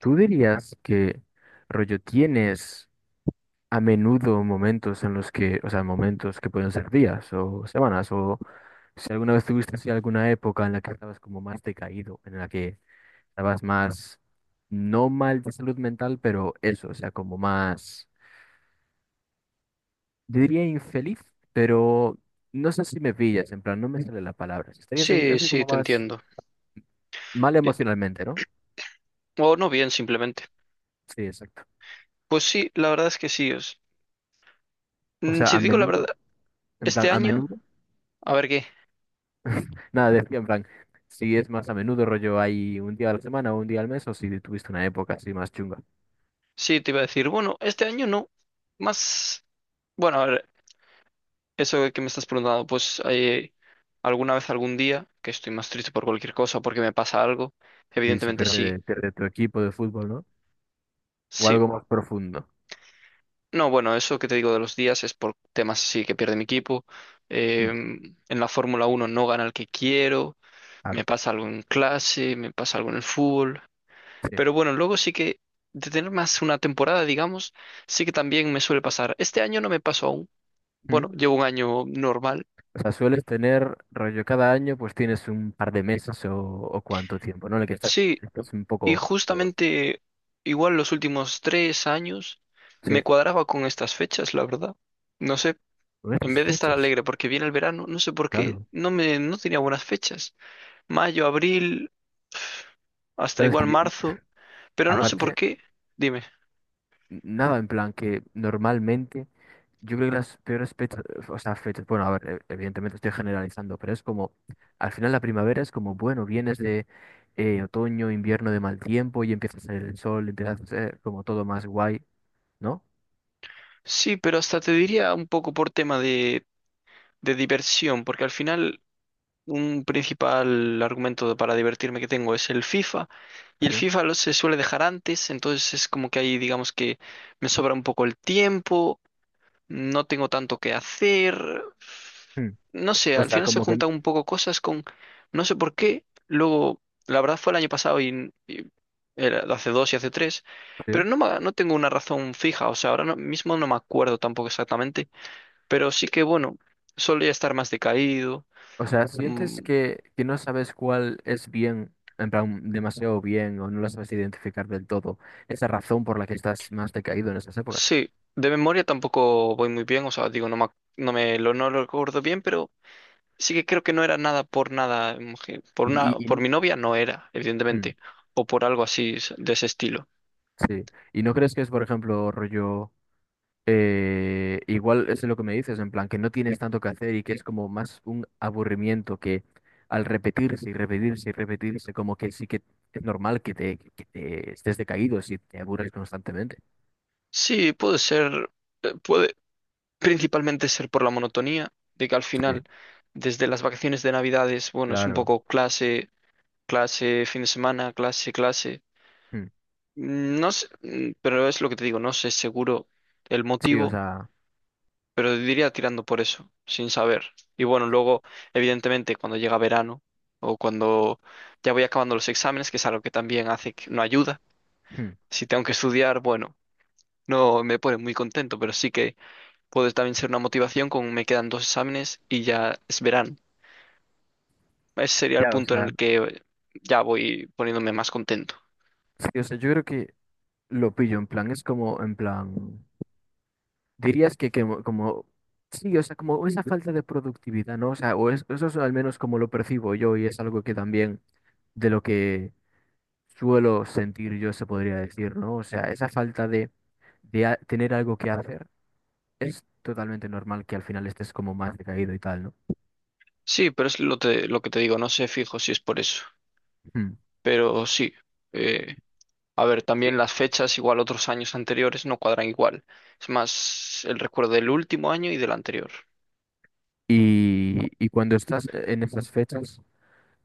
¿Tú dirías que rollo tienes a menudo momentos en los que, o sea, momentos que pueden ser días o semanas, o si alguna vez tuviste así alguna época en la que estabas como más decaído, en la que estabas más, no mal de salud mental, pero eso, o sea, como más, yo diría infeliz, pero no sé si me pillas, en plan, no me sale la palabra, si estarías así Sí, así sí, como te más entiendo. mal Eh, emocionalmente, ¿no? o no bien, simplemente. Sí, exacto. Pues sí, la verdad es que sí. O sea, Si a te digo la menudo, verdad, en plan, este a año, menudo. a ver qué. Nada, decía en plan, si es más a menudo rollo hay un día a la semana o un día al mes, o si tuviste una época así más chunga. Sí, te iba a decir, bueno, este año no. Más, bueno, a ver, eso que me estás preguntando, pues alguna vez, algún día, que estoy más triste por cualquier cosa, porque me pasa algo, Si, si evidentemente pierde, sí, pierde tu equipo de fútbol, ¿no? O sí. algo más profundo. No, bueno, eso que te digo de los días es por temas así que pierde mi equipo. eh, Mm, en la Fórmula Uno no gana el que quiero, me claro, pasa algo en clase, me pasa algo en el fútbol. sí. Pero bueno, luego sí que de tener más una temporada, digamos, sí que también me suele pasar. Este año no me pasó aún. Bueno, Mm. llevo un año normal. O sea, sueles tener rollo cada año, pues tienes un par de meses o cuánto tiempo, ¿no? En el que estás, Sí, estás un y poco peor. justamente igual los últimos 3 años Sí, me cuadraba con estas fechas, la verdad. No sé, con en estas vez de estar fechas, alegre porque viene el verano, no sé por qué, claro. no me, no tenía buenas fechas. Mayo, abril, hasta Claro, es igual que marzo, pero no sé por aparte, qué. Dime. nada en plan que normalmente. Yo creo que las peores fechas, o sea, fechas, bueno, a ver, evidentemente estoy generalizando, pero es como, al final la primavera es como, bueno, vienes de otoño, invierno de mal tiempo y empieza a salir el sol, empieza a ser como todo más guay, ¿no? Sí, pero hasta te diría un poco por tema de diversión, porque al final un principal argumento para divertirme que tengo es el FIFA y el Sí. Se suele dejar antes, entonces es como que ahí digamos que me sobra un poco el tiempo, no tengo tanto que hacer, Mm. no sé, O al sea, final se como que, juntan un poco cosas con, no sé por qué, luego, la verdad fue el año pasado y era hace dos y hace tres, sí. pero no tengo una razón fija, o sea, ahora no- mismo no me acuerdo tampoco exactamente, pero sí que bueno, solía estar más decaído. O sea, mm, sientes que no sabes cuál es bien, en plan, demasiado bien, o no la sabes identificar del todo, esa razón por la que estás más decaído en esas épocas. Sí, de memoria tampoco voy muy bien, o sea, digo, no me lo, no lo recuerdo bien, pero sí que creo que no era nada por nada, Y, y, por y- mi novia no era, mm, evidentemente, o por algo así de ese estilo. sí. ¿Y no crees que es, por ejemplo, rollo... igual es lo que me dices, en plan que no tienes tanto que hacer y que es como más un aburrimiento que al repetirse y repetirse y repetirse, como que sí que es normal que te estés decaído si te aburres constantemente. Sí, puede ser, puede principalmente ser por la monotonía, de que al Sí, final, desde las vacaciones de Navidades, bueno, es un claro. poco clase, clase, fin de semana, clase, clase. Mm, No sé, pero es lo que te digo, no sé seguro el sí, o motivo sea, pero diría tirando por eso, sin saber. Y bueno, luego, evidentemente, cuando llega verano o cuando ya voy acabando los exámenes, que es algo que también hace que no ayuda, mm, si tengo que estudiar, bueno, no me pone muy contento, pero sí que puede también ser una motivación con me quedan dos exámenes y ya es verano. Ese sería el ya, o punto en sea, el que ya voy poniéndome más contento. sí, o sea, yo creo que lo pillo, en plan, es como, en plan, dirías que como, sí, o sea, como esa falta de productividad, ¿no? O sea, o eso es al menos como lo percibo yo y es algo que también de lo que suelo sentir yo, se podría decir, ¿no? O sea, esa falta de tener algo que hacer es totalmente normal que al final estés como más decaído y tal, ¿no? Sí, pero es lo que te digo, no sé fijo si es por eso, Mm. pero sí. eh, A ver, también las fechas, igual otros años anteriores, no cuadran igual. Es más el recuerdo del último año y del anterior. Y cuando estás en esas fechas,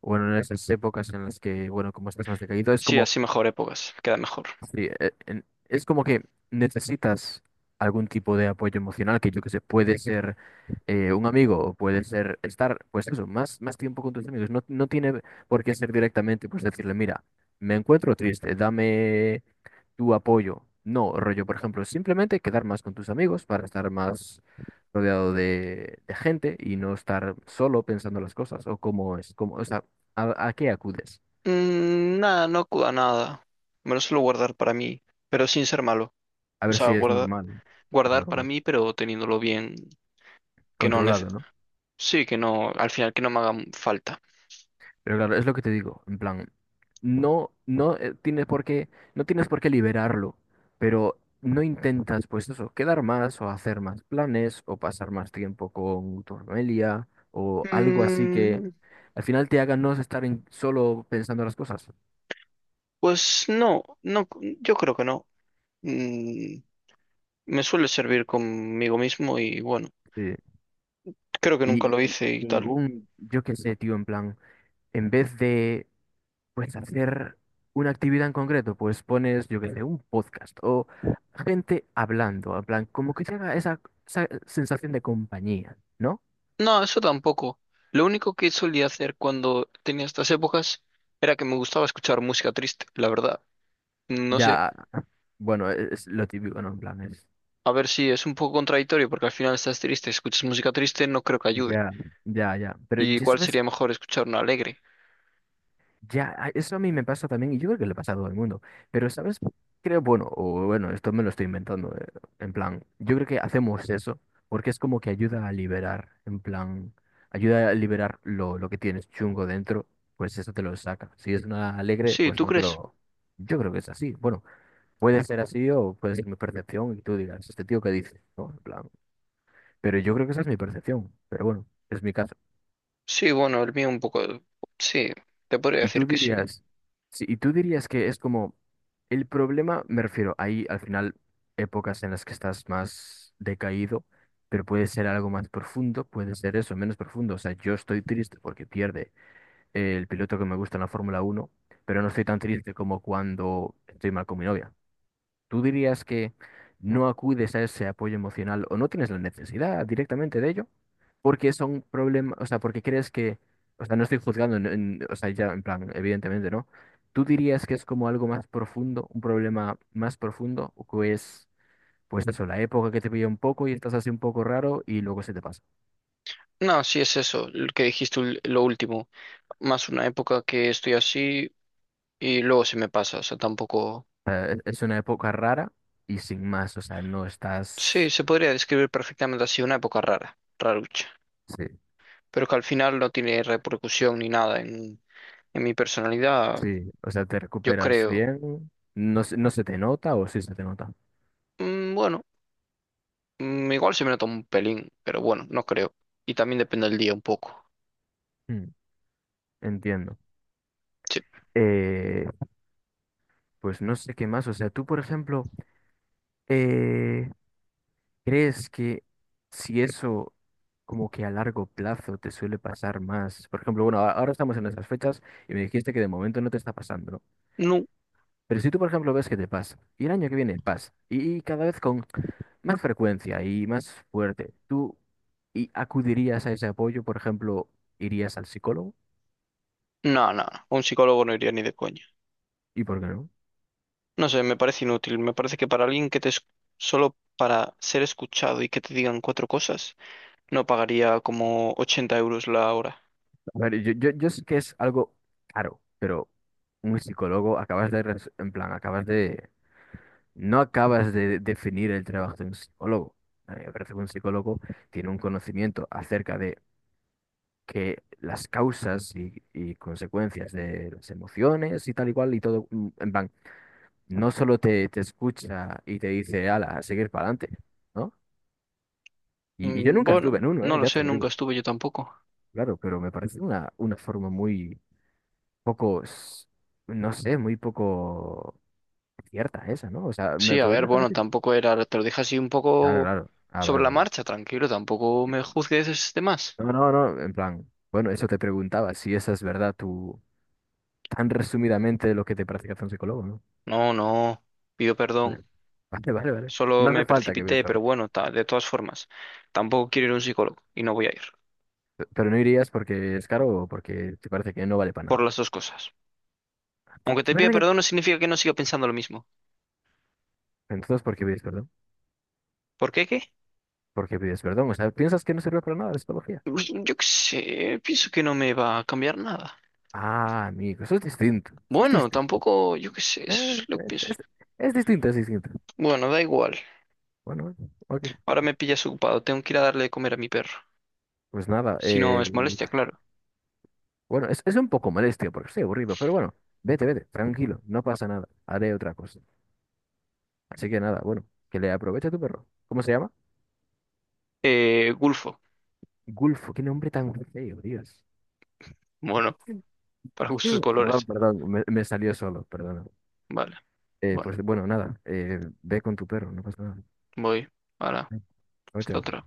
bueno, en esas épocas en las que, bueno, como estás más decaído, es Sí, como así mejor épocas, queda mejor. sí, es como que necesitas algún tipo de apoyo emocional, que yo que sé, puede ser un amigo o puede ser estar, pues eso, más, más tiempo con tus amigos. No, no tiene por qué ser directamente, pues decirle, mira, me encuentro triste, dame tu apoyo. No, rollo, por ejemplo, simplemente quedar más con tus amigos para estar más rodeado de gente y no estar solo pensando las cosas o cómo es, cómo, o sea, a qué acudes. Nada, no acuda a nada. Me lo suelo guardar para mí, pero sin ser malo. A O ver sea, si es normal, es guardar para normal, mí, pero teniéndolo bien, que no nece- controlado, ¿no? sí, que no, al final que no me haga falta. Pero claro, es lo que te digo, en plan, no, no tienes por qué, no tienes por qué liberarlo, pero no intentas, pues eso, quedar más o hacer más planes o pasar más tiempo con tu familia o algo así que Mm, al final te haga no estar solo pensando las cosas. pues no, no, yo creo que no. Mm, Me suele servir conmigo mismo y bueno, Sí. creo que nunca Y, lo y- hice y y tal. ningún, yo qué sé, tío, en plan, en vez de pues hacer una actividad en concreto, pues pones, yo qué sé, un podcast o gente hablando, en plan, como que te esa, esa sensación de compañía, ¿no? No, eso tampoco. Lo único que solía hacer cuando tenía estas épocas era que me gustaba escuchar música triste, la verdad. No sé, Ya, bueno, es lo típico, ¿no? En plan, es, a ver si es un poco contradictorio porque al final estás triste, escuchas música triste, no creo que ayude. ya, ya, ya. Pero ¿Y yo, cuál ¿sabes? sería mejor escuchar una alegre? Ya, eso a mí me pasa también y yo creo que le pasa a todo el mundo. Pero, ¿sabes? Creo, bueno, o bueno, esto me lo estoy inventando. En plan, yo creo que hacemos eso porque es como que ayuda a liberar, en plan, ayuda a liberar lo que tienes chungo dentro, pues eso te lo saca. Si es una alegre, Sí, pues ¿tú no te crees? lo... Yo creo que es así. Bueno, puede ser así o puede ser mi percepción y tú digas, este tío que dice, ¿no? En plan, pero yo creo que esa es mi percepción. Pero bueno, es mi caso. Sí, bueno, el mío un poco... Sí, te podría Y decir tú que sí. dirías, sí, y tú dirías que es como el problema, me refiero, hay al final épocas en las que estás más decaído, pero puede ser algo más profundo, puede ser eso, menos profundo. O sea, yo estoy triste porque pierde el piloto que me gusta en la Fórmula Uno, pero no estoy tan triste como cuando estoy mal con mi novia. ¿Tú dirías que no acudes a ese apoyo emocional o no tienes la necesidad directamente de ello? Porque son problemas, o sea, porque crees que, o sea, no estoy juzgando, o sea, ya en plan, evidentemente, ¿no? ¿Tú dirías que es como algo más profundo, un problema más profundo, o que es, pues eso, la época que te pilla un poco y estás así un poco raro y luego se te pasa? No, sí es eso, lo que dijiste lo último. Más una época que estoy así y luego se me pasa, o sea, tampoco... O sea, es una época rara y sin más, o sea, no Sí, estás, se podría describir perfectamente así, una época rara, rarucha. sí, Pero que al final no tiene repercusión ni nada en, en mi personalidad, sí, o sea, te yo recuperas creo. bien, no, no se te nota o sí se te nota. Bueno, igual se me nota un pelín, pero bueno, no creo. Y también depende del día un poco. Mm. Entiendo. Sí. Eh, pues no sé qué más. O sea, tú, por ejemplo, eh, ¿crees que si eso como que a largo plazo te suele pasar más? Por ejemplo, bueno, ahora estamos en esas fechas y me dijiste que de momento no te está pasando, ¿no? No, Pero si tú, por ejemplo, ves que te pasa y el año que viene pasa y cada vez con más frecuencia y más fuerte, ¿tú y acudirías a ese apoyo? Por ejemplo, ¿irías al psicólogo? no, no, a un psicólogo no iría ni de coña. ¿Y por qué no? No sé, me parece inútil, me parece que para alguien que te... Solo para ser escuchado y que te digan cuatro cosas, no pagaría como 80 euros la hora. A ver, yo sé que es algo caro, pero un psicólogo acabas de, en plan, acabas de, no acabas de definir el trabajo de un psicólogo. A mí me parece que un psicólogo tiene un conocimiento acerca de que las causas y consecuencias de las emociones y tal y cual y todo, mm, en plan, no solo te, te escucha y te dice, ala, a seguir para adelante, ¿no? Y yo nunca estuve Bueno, en uno, no ¿eh? lo Ya te sé, lo nunca digo, estuve yo tampoco. claro, pero me parece una forma muy pocos, no sé, muy poco cierta esa, ¿no? O sea, ¿me Sí, a ver, podrías bueno, repetir? tampoco era, te lo dije así un Claro, poco claro. Ah, vale, sobre la vale. marcha, tranquilo, tampoco me juzgues de más. No, no, no, en plan, bueno, eso te preguntaba, si esa es verdad tú, tan resumidamente lo que te practicas un psicólogo, ¿no? No, no, pido perdón, Vale, vale, vale, vale. solo No hace me falta que veas, precipité, pero ¿verdad? bueno, de todas formas, tampoco quiero ir a un psicólogo y no voy a ir, Pero no irías porque es caro o porque te parece que no vale para por nada. las dos cosas. ¿Te Aunque te te pida parece que...? perdón no significa que no siga pensando lo mismo. Entonces, ¿por qué pides perdón? ¿Por qué qué? ¿Por qué pides perdón? O sea, ¿piensas que no sirve para nada la psicología? Pues, yo qué sé, pienso que no me va a cambiar nada. Ah, amigo, eso es distinto. Eso es Bueno, distinto. tampoco, yo qué sé, Ah, eso es lo que es, pienso es- yo. es distinto, es distinto. Bueno, da igual, Bueno, bueno, ok. ahora me pillas ocupado, tengo que ir a darle de comer a mi perro. Pues nada, Si no es molestia, claro. bueno, es un poco molesto porque estoy aburrido, pero bueno, vete, vete, tranquilo, no pasa nada, haré otra cosa. Así que nada, bueno, que le aproveche a tu perro. ¿Cómo se llama? Gulfo. Gulfo, qué nombre tan feo, Dios. Bueno, para gustos Perdón, colores. perdón, me salió solo, perdón. Vale. Bueno, Pues bueno, nada, ve con tu perro, no pasa nada. voy. Ahora, Chao, hasta chao. otra.